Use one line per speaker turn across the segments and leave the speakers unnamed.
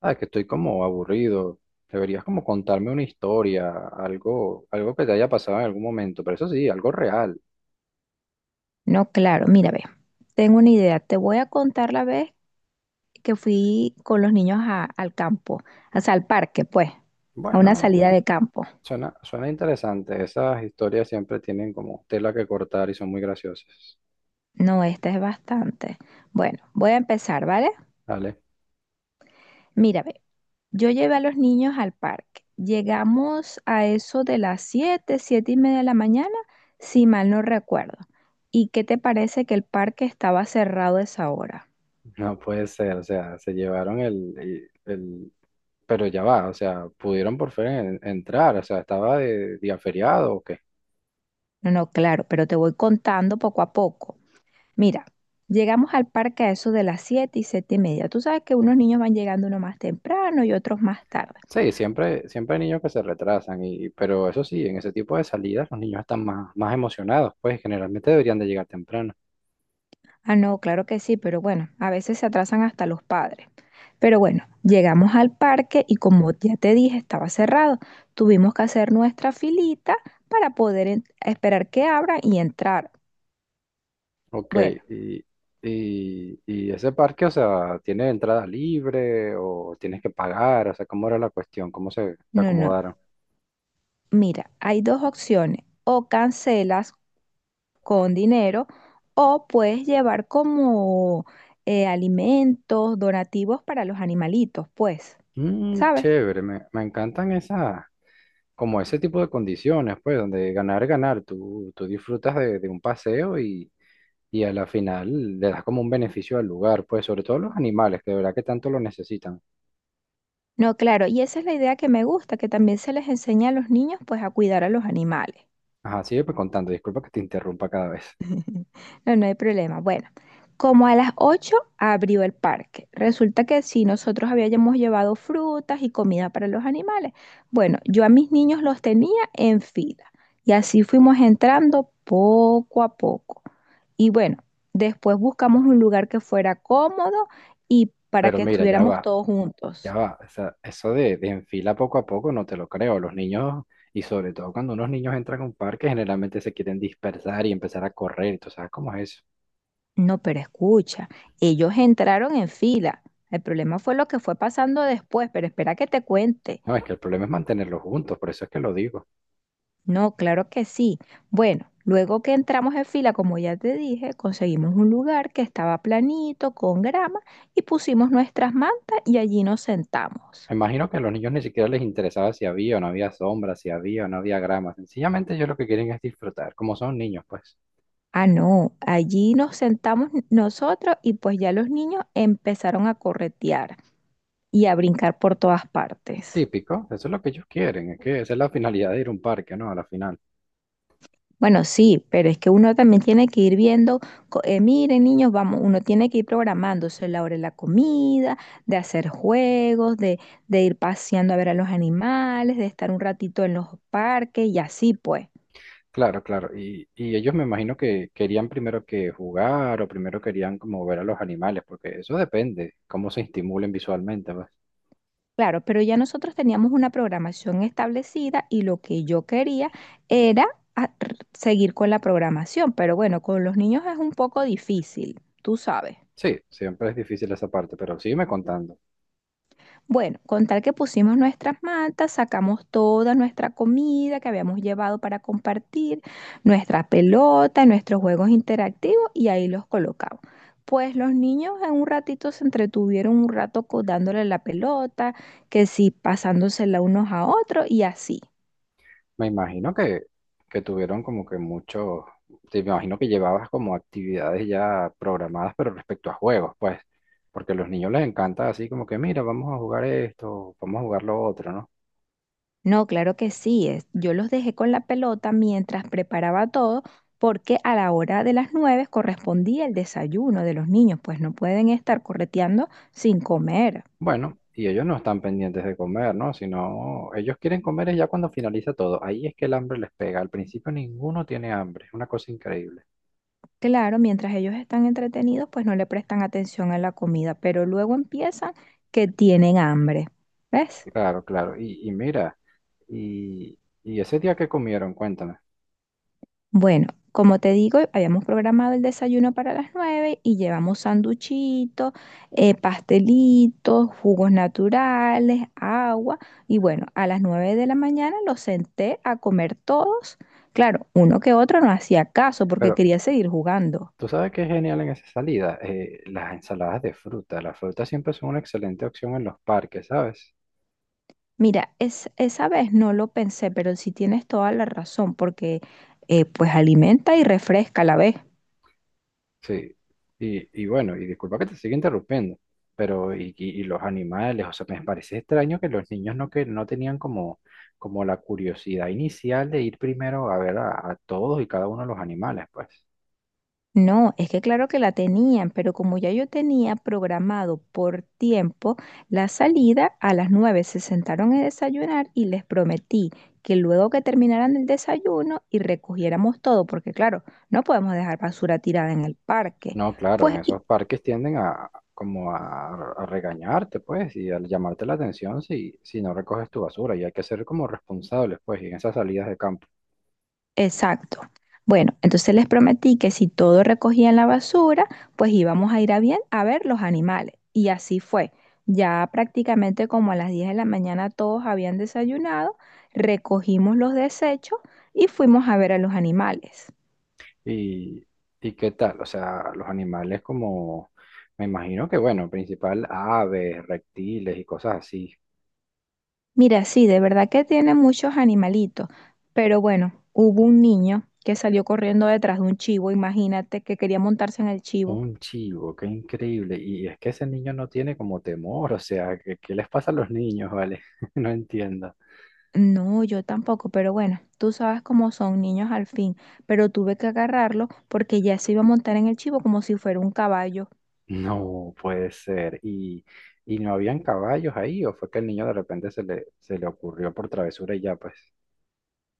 Ah, que estoy como aburrido. Deberías como contarme una historia, algo que te haya pasado en algún momento, pero eso sí, algo real.
No, claro, mira, ve, tengo una idea. Te voy a contar la vez que fui con los niños al campo, o sea, al parque, pues, a una
Bueno,
salida de campo.
suena interesante. Esas historias siempre tienen como tela que cortar y son muy graciosas.
No, esta es bastante. Bueno, voy a empezar, ¿vale?
¿Vale?
Mira, ve, yo llevé a los niños al parque. Llegamos a eso de las 7, 7:30 de la mañana, si mal no recuerdo. ¿Y qué te parece que el parque estaba cerrado a esa hora?
No puede ser, o sea, se llevaron el, y- el- pero ya va, o sea, pudieron por fin entrar, o sea, estaba de día feriado o qué.
No, no, claro, pero te voy contando poco a poco. Mira, llegamos al parque a eso de las 7 y 7:30. Tú sabes que unos niños van llegando uno más temprano y otros más tarde.
Sí, siempre hay niños que se retrasan, y, pero eso sí, en ese tipo de salidas los niños están más, más emocionados, pues generalmente deberían de llegar temprano.
Ah, no, claro que sí, pero bueno, a veces se atrasan hasta los padres. Pero bueno, llegamos al parque y como ya te dije, estaba cerrado. Tuvimos que hacer nuestra filita para poder esperar que abran y entrar.
Ok,
Bueno,
y, y ese parque, o sea, ¿tiene entrada libre o tienes que pagar? O sea, ¿cómo era la cuestión? ¿Cómo se
no, no.
acomodaron?
Mira, hay dos opciones. O cancelas con dinero o puedes llevar como alimentos, donativos para los animalitos, pues,
Mm,
¿sabes?
chévere, me encantan esas, como ese tipo de condiciones, pues, donde ganar, ganar, tú disfrutas de un paseo y a la final le das como un beneficio al lugar, pues sobre todo a los animales, que de verdad que tanto lo necesitan.
No, claro, y esa es la idea que me gusta, que también se les enseña a los niños pues a cuidar a los animales.
Ajá, sigue pues contando, disculpa que te interrumpa cada vez,
No, no hay problema. Bueno, como a las 8 abrió el parque. Resulta que sí, nosotros habíamos llevado frutas y comida para los animales. Bueno, yo a mis niños los tenía en fila y así fuimos entrando poco a poco. Y bueno, después buscamos un lugar que fuera cómodo y para
pero
que
mira,
estuviéramos todos juntos.
ya va, o sea, eso de en fila poco a poco no te lo creo, los niños, y sobre todo cuando unos niños entran a un parque, generalmente se quieren dispersar y empezar a correr, entonces, ¿sabes cómo es eso?
No, pero escucha, ellos entraron en fila. El problema fue lo que fue pasando después, pero espera que te cuente.
No, es que el problema es mantenerlos juntos, por eso es que lo digo.
No, claro que sí. Bueno, luego que entramos en fila, como ya te dije, conseguimos un lugar que estaba planito, con grama, y pusimos nuestras mantas y allí nos sentamos.
Me imagino que a los niños ni siquiera les interesaba si había o no había sombra, si había o no había grama. Sencillamente ellos lo que quieren es disfrutar, como son niños, pues.
Ah, no, allí nos sentamos nosotros y pues ya los niños empezaron a corretear y a brincar por todas partes.
Típico, eso es lo que ellos quieren, es que esa es la finalidad de ir a un parque, ¿no? A la final.
Bueno, sí, pero es que uno también tiene que ir viendo, miren niños, vamos, uno tiene que ir programándose la hora de la comida, de hacer juegos, de ir paseando a ver a los animales, de estar un ratito en los parques y así pues.
Claro, claro. Y ellos me imagino que querían primero que jugar o primero querían como ver a los animales, porque eso depende, cómo se estimulen visualmente, pues.
Claro, pero ya nosotros teníamos una programación establecida y lo que yo quería era seguir con la programación, pero bueno, con los niños es un poco difícil, tú sabes.
Sí, siempre es difícil esa parte, pero sígueme contando.
Bueno, con tal que pusimos nuestras mantas, sacamos toda nuestra comida que habíamos llevado para compartir, nuestra pelota, nuestros juegos interactivos y ahí los colocamos. Pues los niños en un ratito se entretuvieron un rato dándole la pelota, que sí, pasándosela unos a otros y así.
Me imagino que tuvieron como que muchos, te me imagino que llevabas como actividades ya programadas, pero respecto a juegos, pues, porque a los niños les encanta así como que, mira, vamos a jugar esto, vamos a jugar lo otro, ¿no?
No, claro que sí, yo los dejé con la pelota mientras preparaba todo, porque a la hora de las 9 correspondía el desayuno de los niños, pues no pueden estar correteando sin comer.
Bueno, y ellos no están pendientes de comer, ¿no? Sino ellos quieren comer es ya cuando finaliza todo. Ahí es que el hambre les pega. Al principio ninguno tiene hambre. Es una cosa increíble.
Claro, mientras ellos están entretenidos, pues no le prestan atención a la comida, pero luego empiezan que tienen hambre. ¿Ves?
Claro, claro. Y mira, y- y ese día que comieron, cuéntame.
Bueno, como te digo, habíamos programado el desayuno para las 9 y llevamos sanduchitos, pastelitos, jugos naturales, agua. Y bueno, a las 9 de la mañana los senté a comer todos. Claro, uno que otro no hacía caso porque
Pero
quería seguir jugando.
tú sabes que es genial en esa salida. Las ensaladas de fruta. Las frutas siempre son una excelente opción en los parques, ¿sabes?
Mira, esa vez no lo pensé, pero sí tienes toda la razón, porque pues alimenta y refresca a la vez.
Sí, y bueno, y disculpa que te siga interrumpiendo, pero y los animales, o sea, me parece extraño que los niños no, que no tenían como, como la curiosidad inicial de ir primero a ver a todos y cada uno de los animales, pues.
No, es que claro que la tenían, pero como ya yo tenía programado por tiempo la salida, a las nueve se sentaron a desayunar y les prometí que luego que terminaran el desayuno y recogiéramos todo, porque claro, no podemos dejar basura tirada en el parque,
No, claro,
pues
en esos parques tienden a como a regañarte, pues, y a llamarte la atención si, si no recoges tu basura, y hay que ser como responsables, pues, y en esas salidas de campo.
exacto. Bueno, entonces les prometí que si todo recogían la basura, pues íbamos a ir a bien a ver los animales. Y así fue. Ya prácticamente como a las 10 de la mañana todos habían desayunado, recogimos los desechos y fuimos a ver a los animales.
¿Y, y qué tal? O sea, los animales como, me imagino que, bueno, principal aves, reptiles y cosas así.
Mira, sí, de verdad que tiene muchos animalitos, pero bueno, hubo un niño que salió corriendo detrás de un chivo, imagínate que quería montarse en el chivo.
Un chivo, qué increíble. Y es que ese niño no tiene como temor, o sea, ¿qué, qué les pasa a los niños, vale? No entiendo.
No, yo tampoco, pero bueno, tú sabes cómo son niños al fin, pero tuve que agarrarlo porque ya se iba a montar en el chivo como si fuera un caballo.
No puede ser. Y no habían caballos ahí o fue que el niño de repente se le ocurrió por travesura y ya, pues?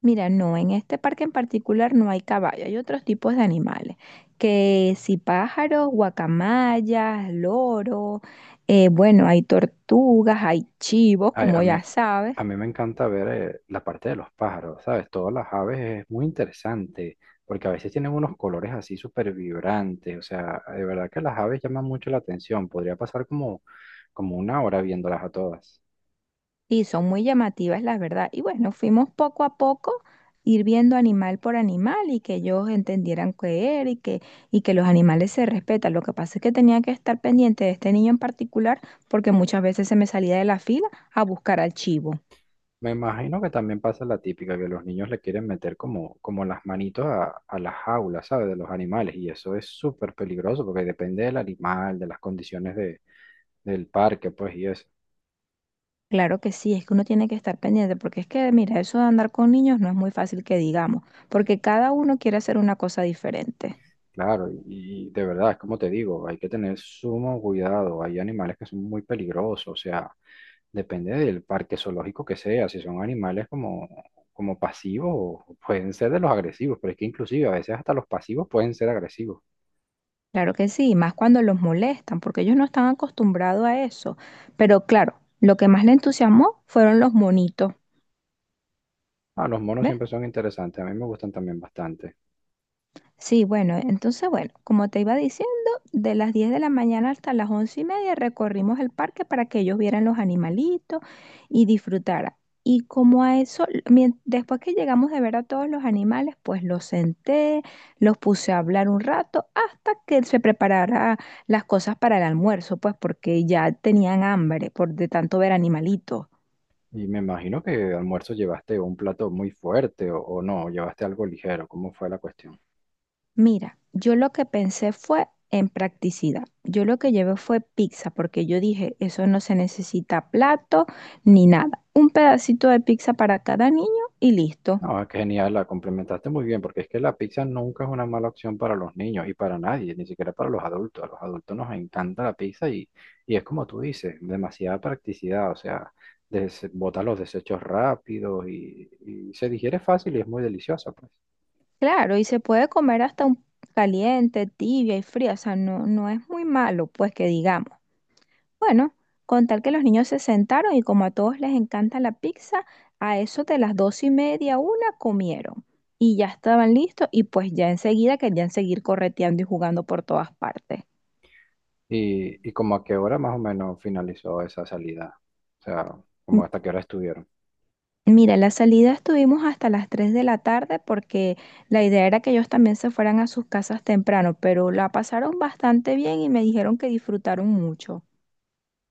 Mira, no, en este parque en particular no hay caballo, hay otros tipos de animales, que si pájaros, guacamayas, loros, bueno, hay tortugas, hay chivos,
Ay, a
como
mí,
ya sabes.
a mí me encanta ver la parte de los pájaros, ¿sabes? Todas las aves es muy interesante, porque a veces tienen unos colores así súper vibrantes, o sea, de verdad que las aves llaman mucho la atención, podría pasar como, como una hora viéndolas a todas.
Sí, son muy llamativas, la verdad. Y bueno, fuimos poco a poco ir viendo animal por animal y que ellos entendieran qué era y y que los animales se respetan. Lo que pasa es que tenía que estar pendiente de este niño en particular porque muchas veces se me salía de la fila a buscar al chivo.
Me imagino que también pasa la típica, que los niños le quieren meter como, como las manitos a las jaulas, ¿sabes? De los animales, y eso es súper peligroso, porque depende del animal, de las condiciones de, del parque, pues, y eso.
Claro que sí, es que uno tiene que estar pendiente porque es que, mira, eso de andar con niños no es muy fácil que digamos, porque cada uno quiere hacer una cosa diferente.
Claro, y de verdad, es como te digo, hay que tener sumo cuidado. Hay animales que son muy peligrosos, o sea, depende del parque zoológico que sea, si son animales como, como pasivos, pueden ser de los agresivos, pero es que inclusive a veces hasta los pasivos pueden ser agresivos.
Claro que sí, y más cuando los molestan, porque ellos no están acostumbrados a eso. Pero claro, lo que más le entusiasmó fueron los monitos,
Ah, los monos
¿ves?
siempre son interesantes, a mí me gustan también bastante.
Sí, bueno, entonces, bueno, como te iba diciendo, de las 10 de la mañana hasta las 11:30 recorrimos el parque para que ellos vieran los animalitos y disfrutaran. Y como a eso, después que llegamos de ver a todos los animales, pues los senté, los puse a hablar un rato hasta que se preparara las cosas para el almuerzo, pues porque ya tenían hambre por de tanto ver animalitos.
Y me imagino que almuerzo llevaste un plato muy fuerte o no, llevaste algo ligero, ¿cómo fue la cuestión?
Mira, yo lo que pensé fue en practicidad. Yo lo que llevé fue pizza, porque yo dije, eso no se necesita plato ni nada. Un pedacito de pizza para cada niño y listo.
No, es genial, la complementaste muy bien, porque es que la pizza nunca es una mala opción para los niños y para nadie, ni siquiera para los adultos. A los adultos nos encanta la pizza y es como tú dices, demasiada practicidad, o sea, des- bota los desechos rápidos y se digiere fácil y es muy deliciosa, pues.
Claro, y se puede comer hasta un caliente, tibia y fría, o sea, no, no es muy malo, pues que digamos. Bueno, con tal que los niños se sentaron y como a todos les encanta la pizza, a eso de las 2:30, una comieron y ya estaban listos y pues ya enseguida querían seguir correteando y jugando por todas partes.
Y como a qué hora más o menos finalizó esa salida, o sea, como
M-
hasta qué hora estuvieron.
Mira, la salida estuvimos hasta las 3 de la tarde porque la idea era que ellos también se fueran a sus casas temprano, pero la pasaron bastante bien y me dijeron que disfrutaron mucho.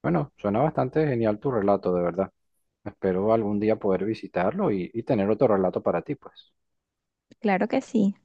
Bueno, suena bastante genial tu relato, de verdad. Espero algún día poder visitarlo y tener otro relato para ti, pues.
Claro que sí.